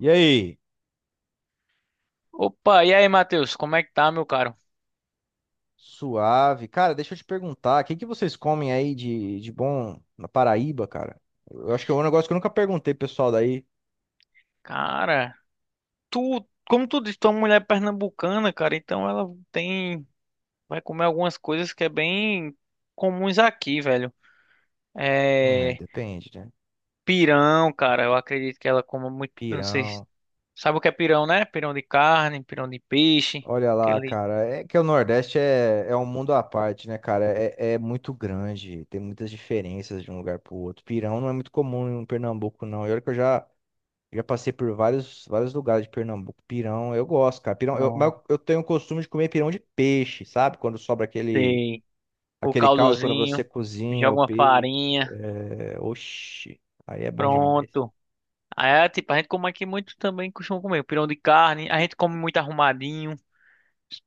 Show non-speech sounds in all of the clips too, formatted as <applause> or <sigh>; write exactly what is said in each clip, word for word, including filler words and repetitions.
E aí? Opa, e aí, Matheus, como é que tá, meu caro? Suave. Cara, deixa eu te perguntar, o que que vocês comem aí de, de bom na Paraíba, cara? Eu acho que é um negócio que eu nunca perguntei pro pessoal daí. Cara, tu, como tu disse, tu é uma mulher pernambucana, cara, então ela tem, vai comer algumas coisas que é bem comuns aqui, velho. Hum, é, É, depende, né? pirão, cara, eu acredito que ela coma muito, não sei, se- Pirão. sabe o que é pirão, né? Pirão de carne, pirão de peixe, Olha lá, aquele, cara. É que o Nordeste é, é um mundo à parte, né, cara? É, é muito grande, tem muitas diferenças de um lugar pro outro. Pirão não é muito comum em Pernambuco, não. E olha que eu já, já passei por vários, vários lugares de Pernambuco. Pirão, eu gosto, cara. Pirão, eu, mas pronto, eu eu tenho o costume de comer pirão de peixe, sabe? Quando sobra aquele sei, o aquele caldo quando você caldozinho, cozinha o joga uma peixe. farinha, É... Oxi, aí é bom demais. pronto. Aí, tipo, a gente come aqui muito também, costuma comer pirão de carne, a gente come muito arrumadinho.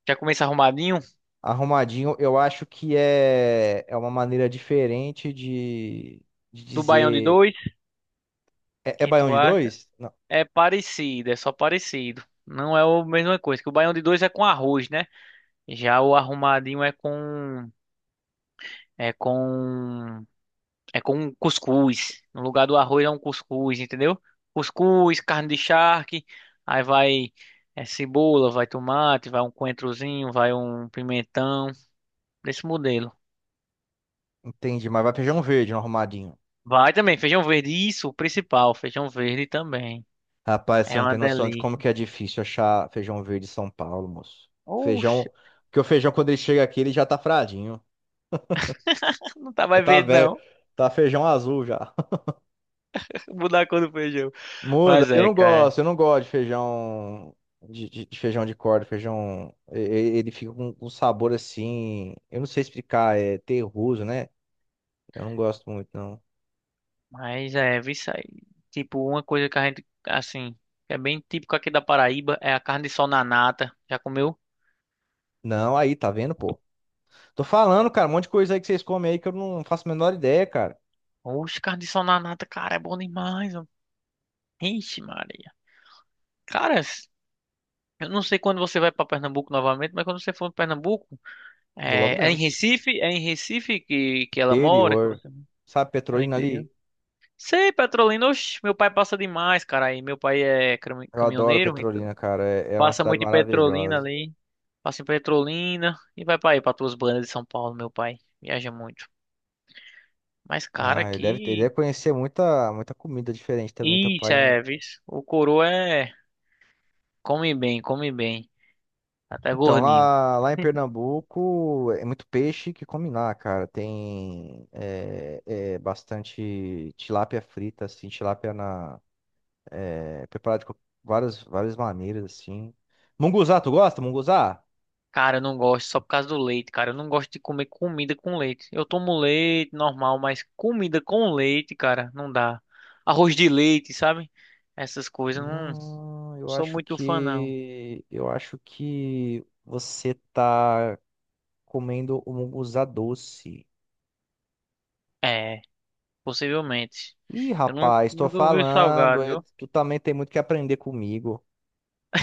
Já começa arrumadinho? Arrumadinho, eu acho que é, é uma maneira diferente de, de Do Baião de dizer. dois, É, é que baião tu de acha? dois? Não, É parecido, é só parecido. Não é a mesma coisa, que o Baião de dois é com arroz, né? Já o arrumadinho é com é com é com um cuscuz. No lugar do arroz é um cuscuz, entendeu? Cuscuz, carne de charque, aí vai é, cebola, vai tomate, vai um coentrozinho, vai um pimentão, desse modelo. entendi, mas vai feijão verde no arrumadinho. Vai também feijão verde, isso, o principal, feijão verde também. Rapaz, você É não uma tem noção de como delícia. que é difícil achar feijão verde em São Paulo, moço. Oxe, Feijão. Porque o feijão, quando ele chega aqui, ele já tá fradinho. não tá Já mais tá verde, velho. não. Tá feijão azul já. <laughs> Mudar a cor do feijão. Muda. Mas Eu é, não cara. gosto, eu não gosto de feijão de, de- de feijão de corda, feijão. e- e- Ele fica com um sabor assim. Eu não sei explicar, é terroso, né? Eu não gosto muito, não. Mas é, vi isso aí. Tipo, uma coisa que a gente, assim, que é bem típico aqui da Paraíba, é a carne de sol na nata. Já comeu? Não, aí, tá vendo, pô? Tô falando, cara, um monte de coisa aí que vocês comem aí que eu não faço a menor ideia, cara. Oxe, carne de sol na nata, cara, é bom demais, ó. Ixi, Maria. Cara, s- eu não sei quando você vai pra Pernambuco novamente, mas quando você for pra Pernambuco, Vou logo é, é em menos. Recife? É em Recife que, que ela mora, que Interior. você... Sabe, É no Petrolina interior. ali? Sei, Petrolina, oxe, meu pai passa demais, cara, aí. Meu pai é cami- Eu adoro caminhoneiro, então Petrolina, cara. É, é uma passa cidade muito em Petrolina maravilhosa. ali. Passa em Petrolina e vai pra aí, pra tuas bandas de São Paulo, meu pai. Viaja muito. Mas, cara, Ah, ele deve ter, ele aqui. deve conhecer muita, muita comida diferente também, teu Isso, pai, hein? é, vixe. O coroa é. Come bem, come bem. Até Então, gordinho. lá, lá em Pernambuco é muito peixe que come lá, cara. Tem é, é, bastante tilápia frita, assim, tilápia na, é, preparada de co- várias, várias maneiras, assim. Munguzá, tu gosta, munguzá? Cara, eu não gosto só por causa do leite, cara. Eu não gosto de comer comida com leite. Eu tomo leite normal, mas comida com leite, cara, não dá. Arroz de leite, sabe? Essas coisas, eu não Não, eu sou acho muito fã, não. que eu acho que você tá comendo o munguzá doce. É, possivelmente. Ih, Eu não, rapaz, tô nunca ouvi falando, salgado, é, viu? tu também tem muito que aprender comigo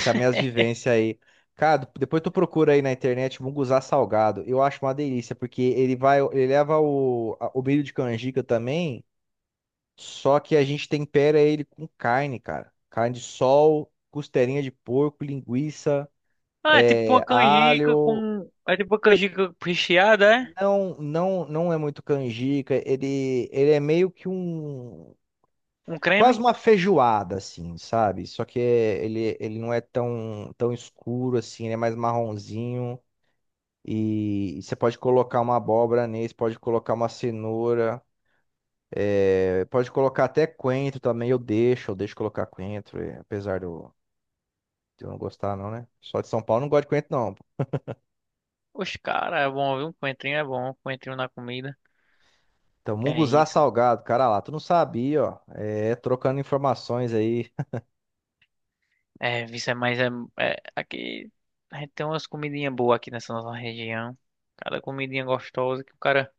com as minhas <laughs> vivências aí. Cara, depois tu procura aí na internet munguzá salgado. Eu acho uma delícia, porque ele vai, ele leva o, a- o milho de canjica também, só que a gente tempera ele com carne, cara. Carne de sol, costelinha de porco, linguiça, Ah, é tipo uma é, canjica alho. com. É tipo uma canjica recheada, é? Não, não, não é muito canjica. Ele, ele é meio que um Um quase creme? uma feijoada, assim, sabe? Só que é- ele, ele não é tão, tão escuro assim, ele é mais marronzinho. E, e você pode colocar uma abóbora nesse, pode colocar uma cenoura, é, pode colocar até coentro também. Eu deixo, eu deixo colocar coentro, é, apesar de eu, de eu não gostar, não, né? Só de São Paulo eu não gosto de coentro, não. Oxe, cara, é bom, viu? Um coentrinho é bom, um coentrinho na comida. Então, Que é munguzá isso? salgado, cara lá, tu não sabia, ó. É, trocando informações aí. <laughs> É, isso é mais. É, é- aqui. A gente tem umas comidinhas boas aqui nessa nossa região. Cada comidinha gostosa que o cara.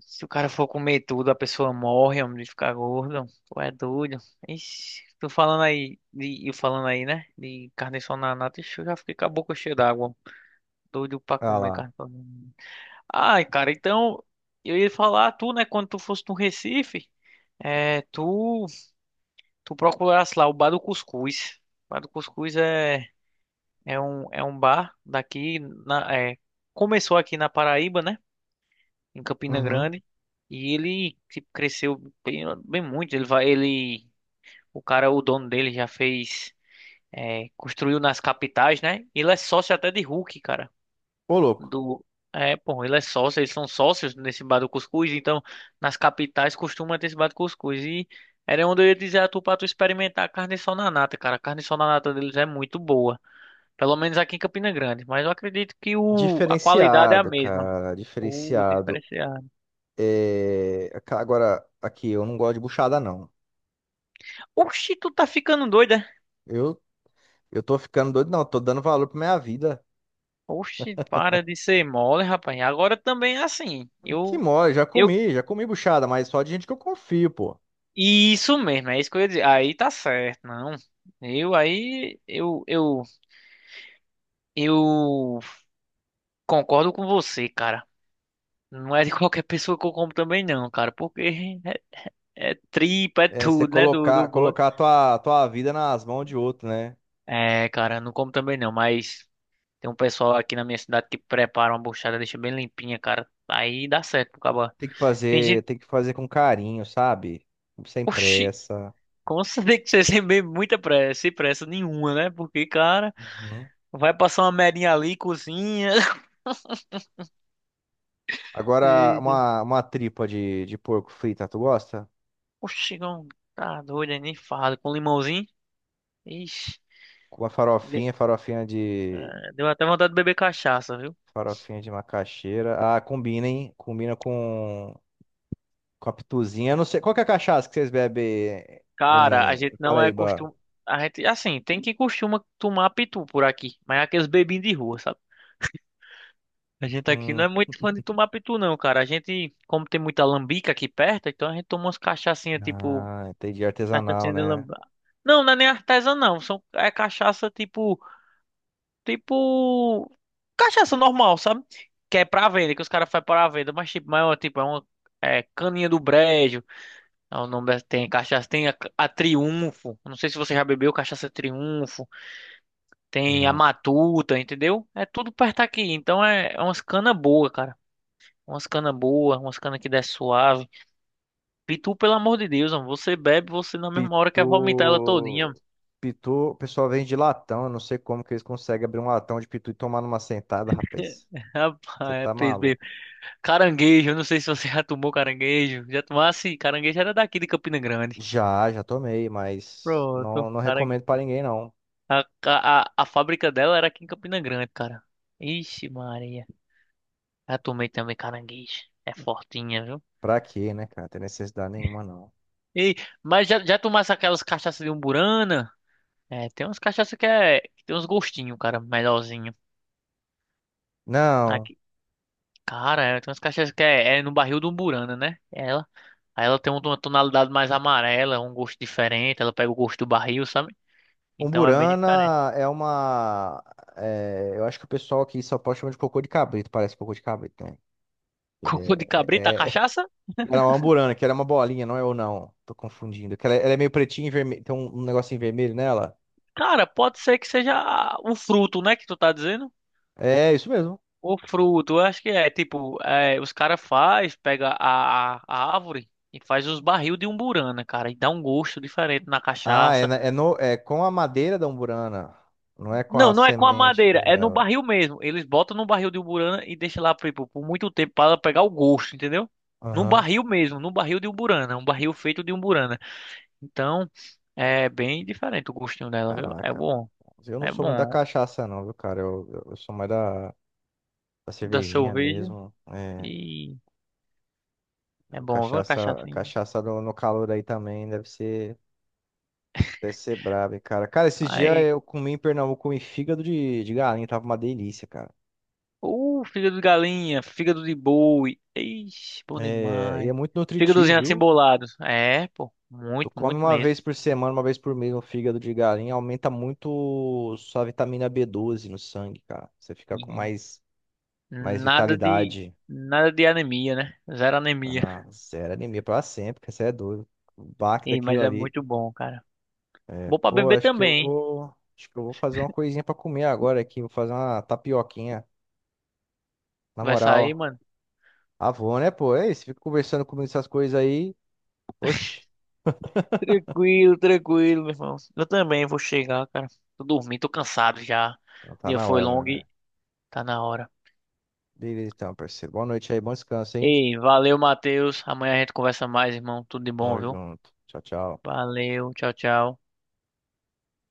Se o cara for comer tudo, a pessoa morre, homem, de ficar gordo. Tu é doido. Ixi, tô falando aí. De, eu falando aí, né? De carne só na nata. Ixi, eu já fiquei com a boca cheia d'água. Doido pra Ah comer lá. carne só na nata. Ai, cara, então eu ia falar, tu, né, quando tu fosse no Recife, é, tu, tu procurasse lá o Bar do Cuscuz. O Bar do Cuscuz é, é um, é um bar daqui, na, é, começou aqui na Paraíba, né, em Campina Uhum. Grande, e ele tipo, cresceu bem, bem muito. Ele vai, ele, o cara, o dono dele já fez, é, construiu nas capitais, né, ele é sócio até de Hulk, cara. Ô, louco. Do. É, pô, ele é sócio, eles são sócios nesse bar do Cuscuz, então nas capitais costuma ter esse bar do Cuscuz. E era onde eu ia dizer a tu pra tu experimentar a carne sol na nata, cara. A carne sol na nata deles é muito boa. Pelo menos aqui em Campina Grande, mas eu acredito que o, a qualidade é a Diferenciado, mesma. cara, O diferenciado. diferenciado. É, ca- Agora, aqui, eu não gosto de buchada, não. Oxi, tu tá ficando doida? Eu, eu tô ficando doido, não. Tô dando valor pra minha vida. Oxi, para de ser mole, rapaz. Agora também é assim. Que Eu, mole, já eu, comi, já comi buchada, mas só de gente que eu confio, pô. isso mesmo, é isso que eu ia dizer. Aí tá certo, não. Eu aí, eu, eu Eu concordo com você, cara. Não é de <laughs> qualquer pessoa que eu como também, não, cara. Porque é, é tripa, é É, você tudo, né? Do, colocar, do bode. colocar a tua, tua vida nas mãos de outro, né? É, cara, não como também não. Mas tem um pessoal aqui na minha cidade que prepara uma buchada, deixa bem limpinha, cara. Aí dá certo pro cabra. Tem que Tem fazer, gente. tem que fazer com carinho, sabe? Sem Oxi, pressa. como você <laughs> tem que ser sem bem muita pressa, sem pressa nenhuma, né? Porque, cara, Uhum. vai passar uma merinha ali, cozinha. <laughs> Agora, Eita. uma, uma tripa de, de porco frita, tu gosta? Oxi, não, tá doido, nem fala. Com limãozinho. Ixi. Com uma farofinha, farofinha de, Deu até vontade de beber cachaça, viu? farofinha de macaxeira. Ah, combina, hein? Combina com, com a pituzinha. Eu não sei, qual que é a cachaça que vocês bebem Cara, a em, em gente não é Paraíba? costum... A gente, assim, tem quem costuma tomar pitu por aqui, mas é aqueles bebinhos de rua, sabe? A gente aqui não Hum, é muito fã de tomar pitu, não, cara. A gente, como tem muita lambica aqui perto, então a gente toma umas cachaçinhas, tipo, Ah, entendi. Artesanal, cachaçinha de né? lambica. Não, não é nem artesã, não. São, é cachaça, tipo, tipo, cachaça normal, sabe? Que é pra venda, que os caras fazem pra venda, mas, tipo, mas, ó, tipo, é uma é, caninha do brejo. Ah, o nome tem cachaça, tem a, a Triunfo. Não sei se você já bebeu cachaça Triunfo. Tem a Não. Matuta, entendeu? É tudo perto aqui. Então é, é umas cana boa, cara. Umas cana boa, umas cana que desce suave. Pitu pelo amor de Deus, mano, você bebe, você na mesma hora Pitu. quer vomitar ela todinha, mano. Pitu, o pessoal vende latão. Eu não sei como que eles conseguem abrir um latão de pitu e tomar numa sentada, rapaz. <laughs> Você Rapaz, é tá peso mesmo. maluco. Caranguejo, eu não sei se você <laughs> já tomou caranguejo. Já tomasse? Caranguejo era daqui de Campina Grande. Já, já tomei, mas Pronto. não, não Cara, recomendo pra ninguém, não. a, a, a a fábrica dela era aqui em Campina Grande, cara. Ixi, Maria. Já tomei também caranguejo. É fortinha, viu? Pra quê, né, cara? Tem necessidade nenhuma, não. E, mas já, já tomasse aquelas cachaças de umburana? É, tem umas cachaças que é. Que tem uns gostinhos, cara, melhorzinho. Não. Aqui. Cara, é, tem umas cachaças que é, é no barril do umburana, né? Ela. Aí ela tem uma tonalidade mais amarela, um gosto diferente. Ela pega o gosto do barril, sabe? Então é bem diferente. Umburana é uma. É, eu acho que o pessoal aqui em São Paulo chama de cocô de cabrito. Parece cocô de cabrito, né? <laughs> Ele Cocô de É, cabrita, a é, é cachaça? Era uma amburana, que era uma bolinha, não é ou não. Tô confundindo. Que ela, é, ela é meio pretinha e vermelha. Tem um, um negocinho vermelho nela. Cara, pode ser que seja o fruto, né? Que tu tá dizendo. É, isso mesmo. O fruto, eu acho que é tipo, é, os caras faz, pega a, a, a árvore e faz os barril de umburana, cara, e dá um gosto diferente na Ah, é, cachaça. na- é, no, É com a madeira da umburana. Não é com a Não, não é com a semente madeira, é no dela. barril mesmo. Eles botam no barril de umburana e deixam lá tipo, por muito tempo para ela pegar o gosto, entendeu? No Aham. barril mesmo, no barril de umburana, um barril feito de umburana. Então, é bem diferente o gostinho dela, viu? É Caraca. bom, Eu não é sou muito da bom cachaça, não, viu, cara? Eu, eu, eu sou mais da, da da cervejinha cerveja mesmo. É, e é bom, viu, a cachaça, cachaça. cachaça no, no calor aí também deve ser, deve ser braba, hein, cara. Cara, esses dias eu comi em Pernambuco, comi fígado de, de galinha. Tava uma delícia, cara. Uh, fígado de galinha, fígado de boi. Ixi, bom É, e é demais. muito nutritivo, Fígadozinho assim viu? bolado. É, pô, Tu muito, come muito uma mesmo. vez por semana, uma vez por mês um fígado de galinha, aumenta muito sua vitamina B doze no sangue, cara. Você fica com E mais, mais nada de, vitalidade. nada de anemia, né? Zero anemia. Ah, zero anemia pra sempre, que você é doido. O baque Ih, daquilo mas é ali. muito bom, cara. Bom pra Pô, beber acho que eu também, hein? vou. Acho que eu vou fazer uma coisinha pra comer agora aqui. Vou fazer uma tapioquinha. Na Vai sair, moral. mano? Avô, né, pô? É isso, fica conversando comigo essas coisas aí. Oxi, Tranquilo, tranquilo, meu irmão. Eu também vou chegar, cara. Tô dormindo, tô cansado já. então O tá dia na foi hora já, longo né? e tá na hora. Beleza, então, parceiro. Boa noite aí, bom descanso, hein? Ei, valeu, Matheus. Amanhã a gente conversa mais, irmão. Tudo de Tamo bom, viu? junto. Tchau, tchau. Valeu, tchau, tchau.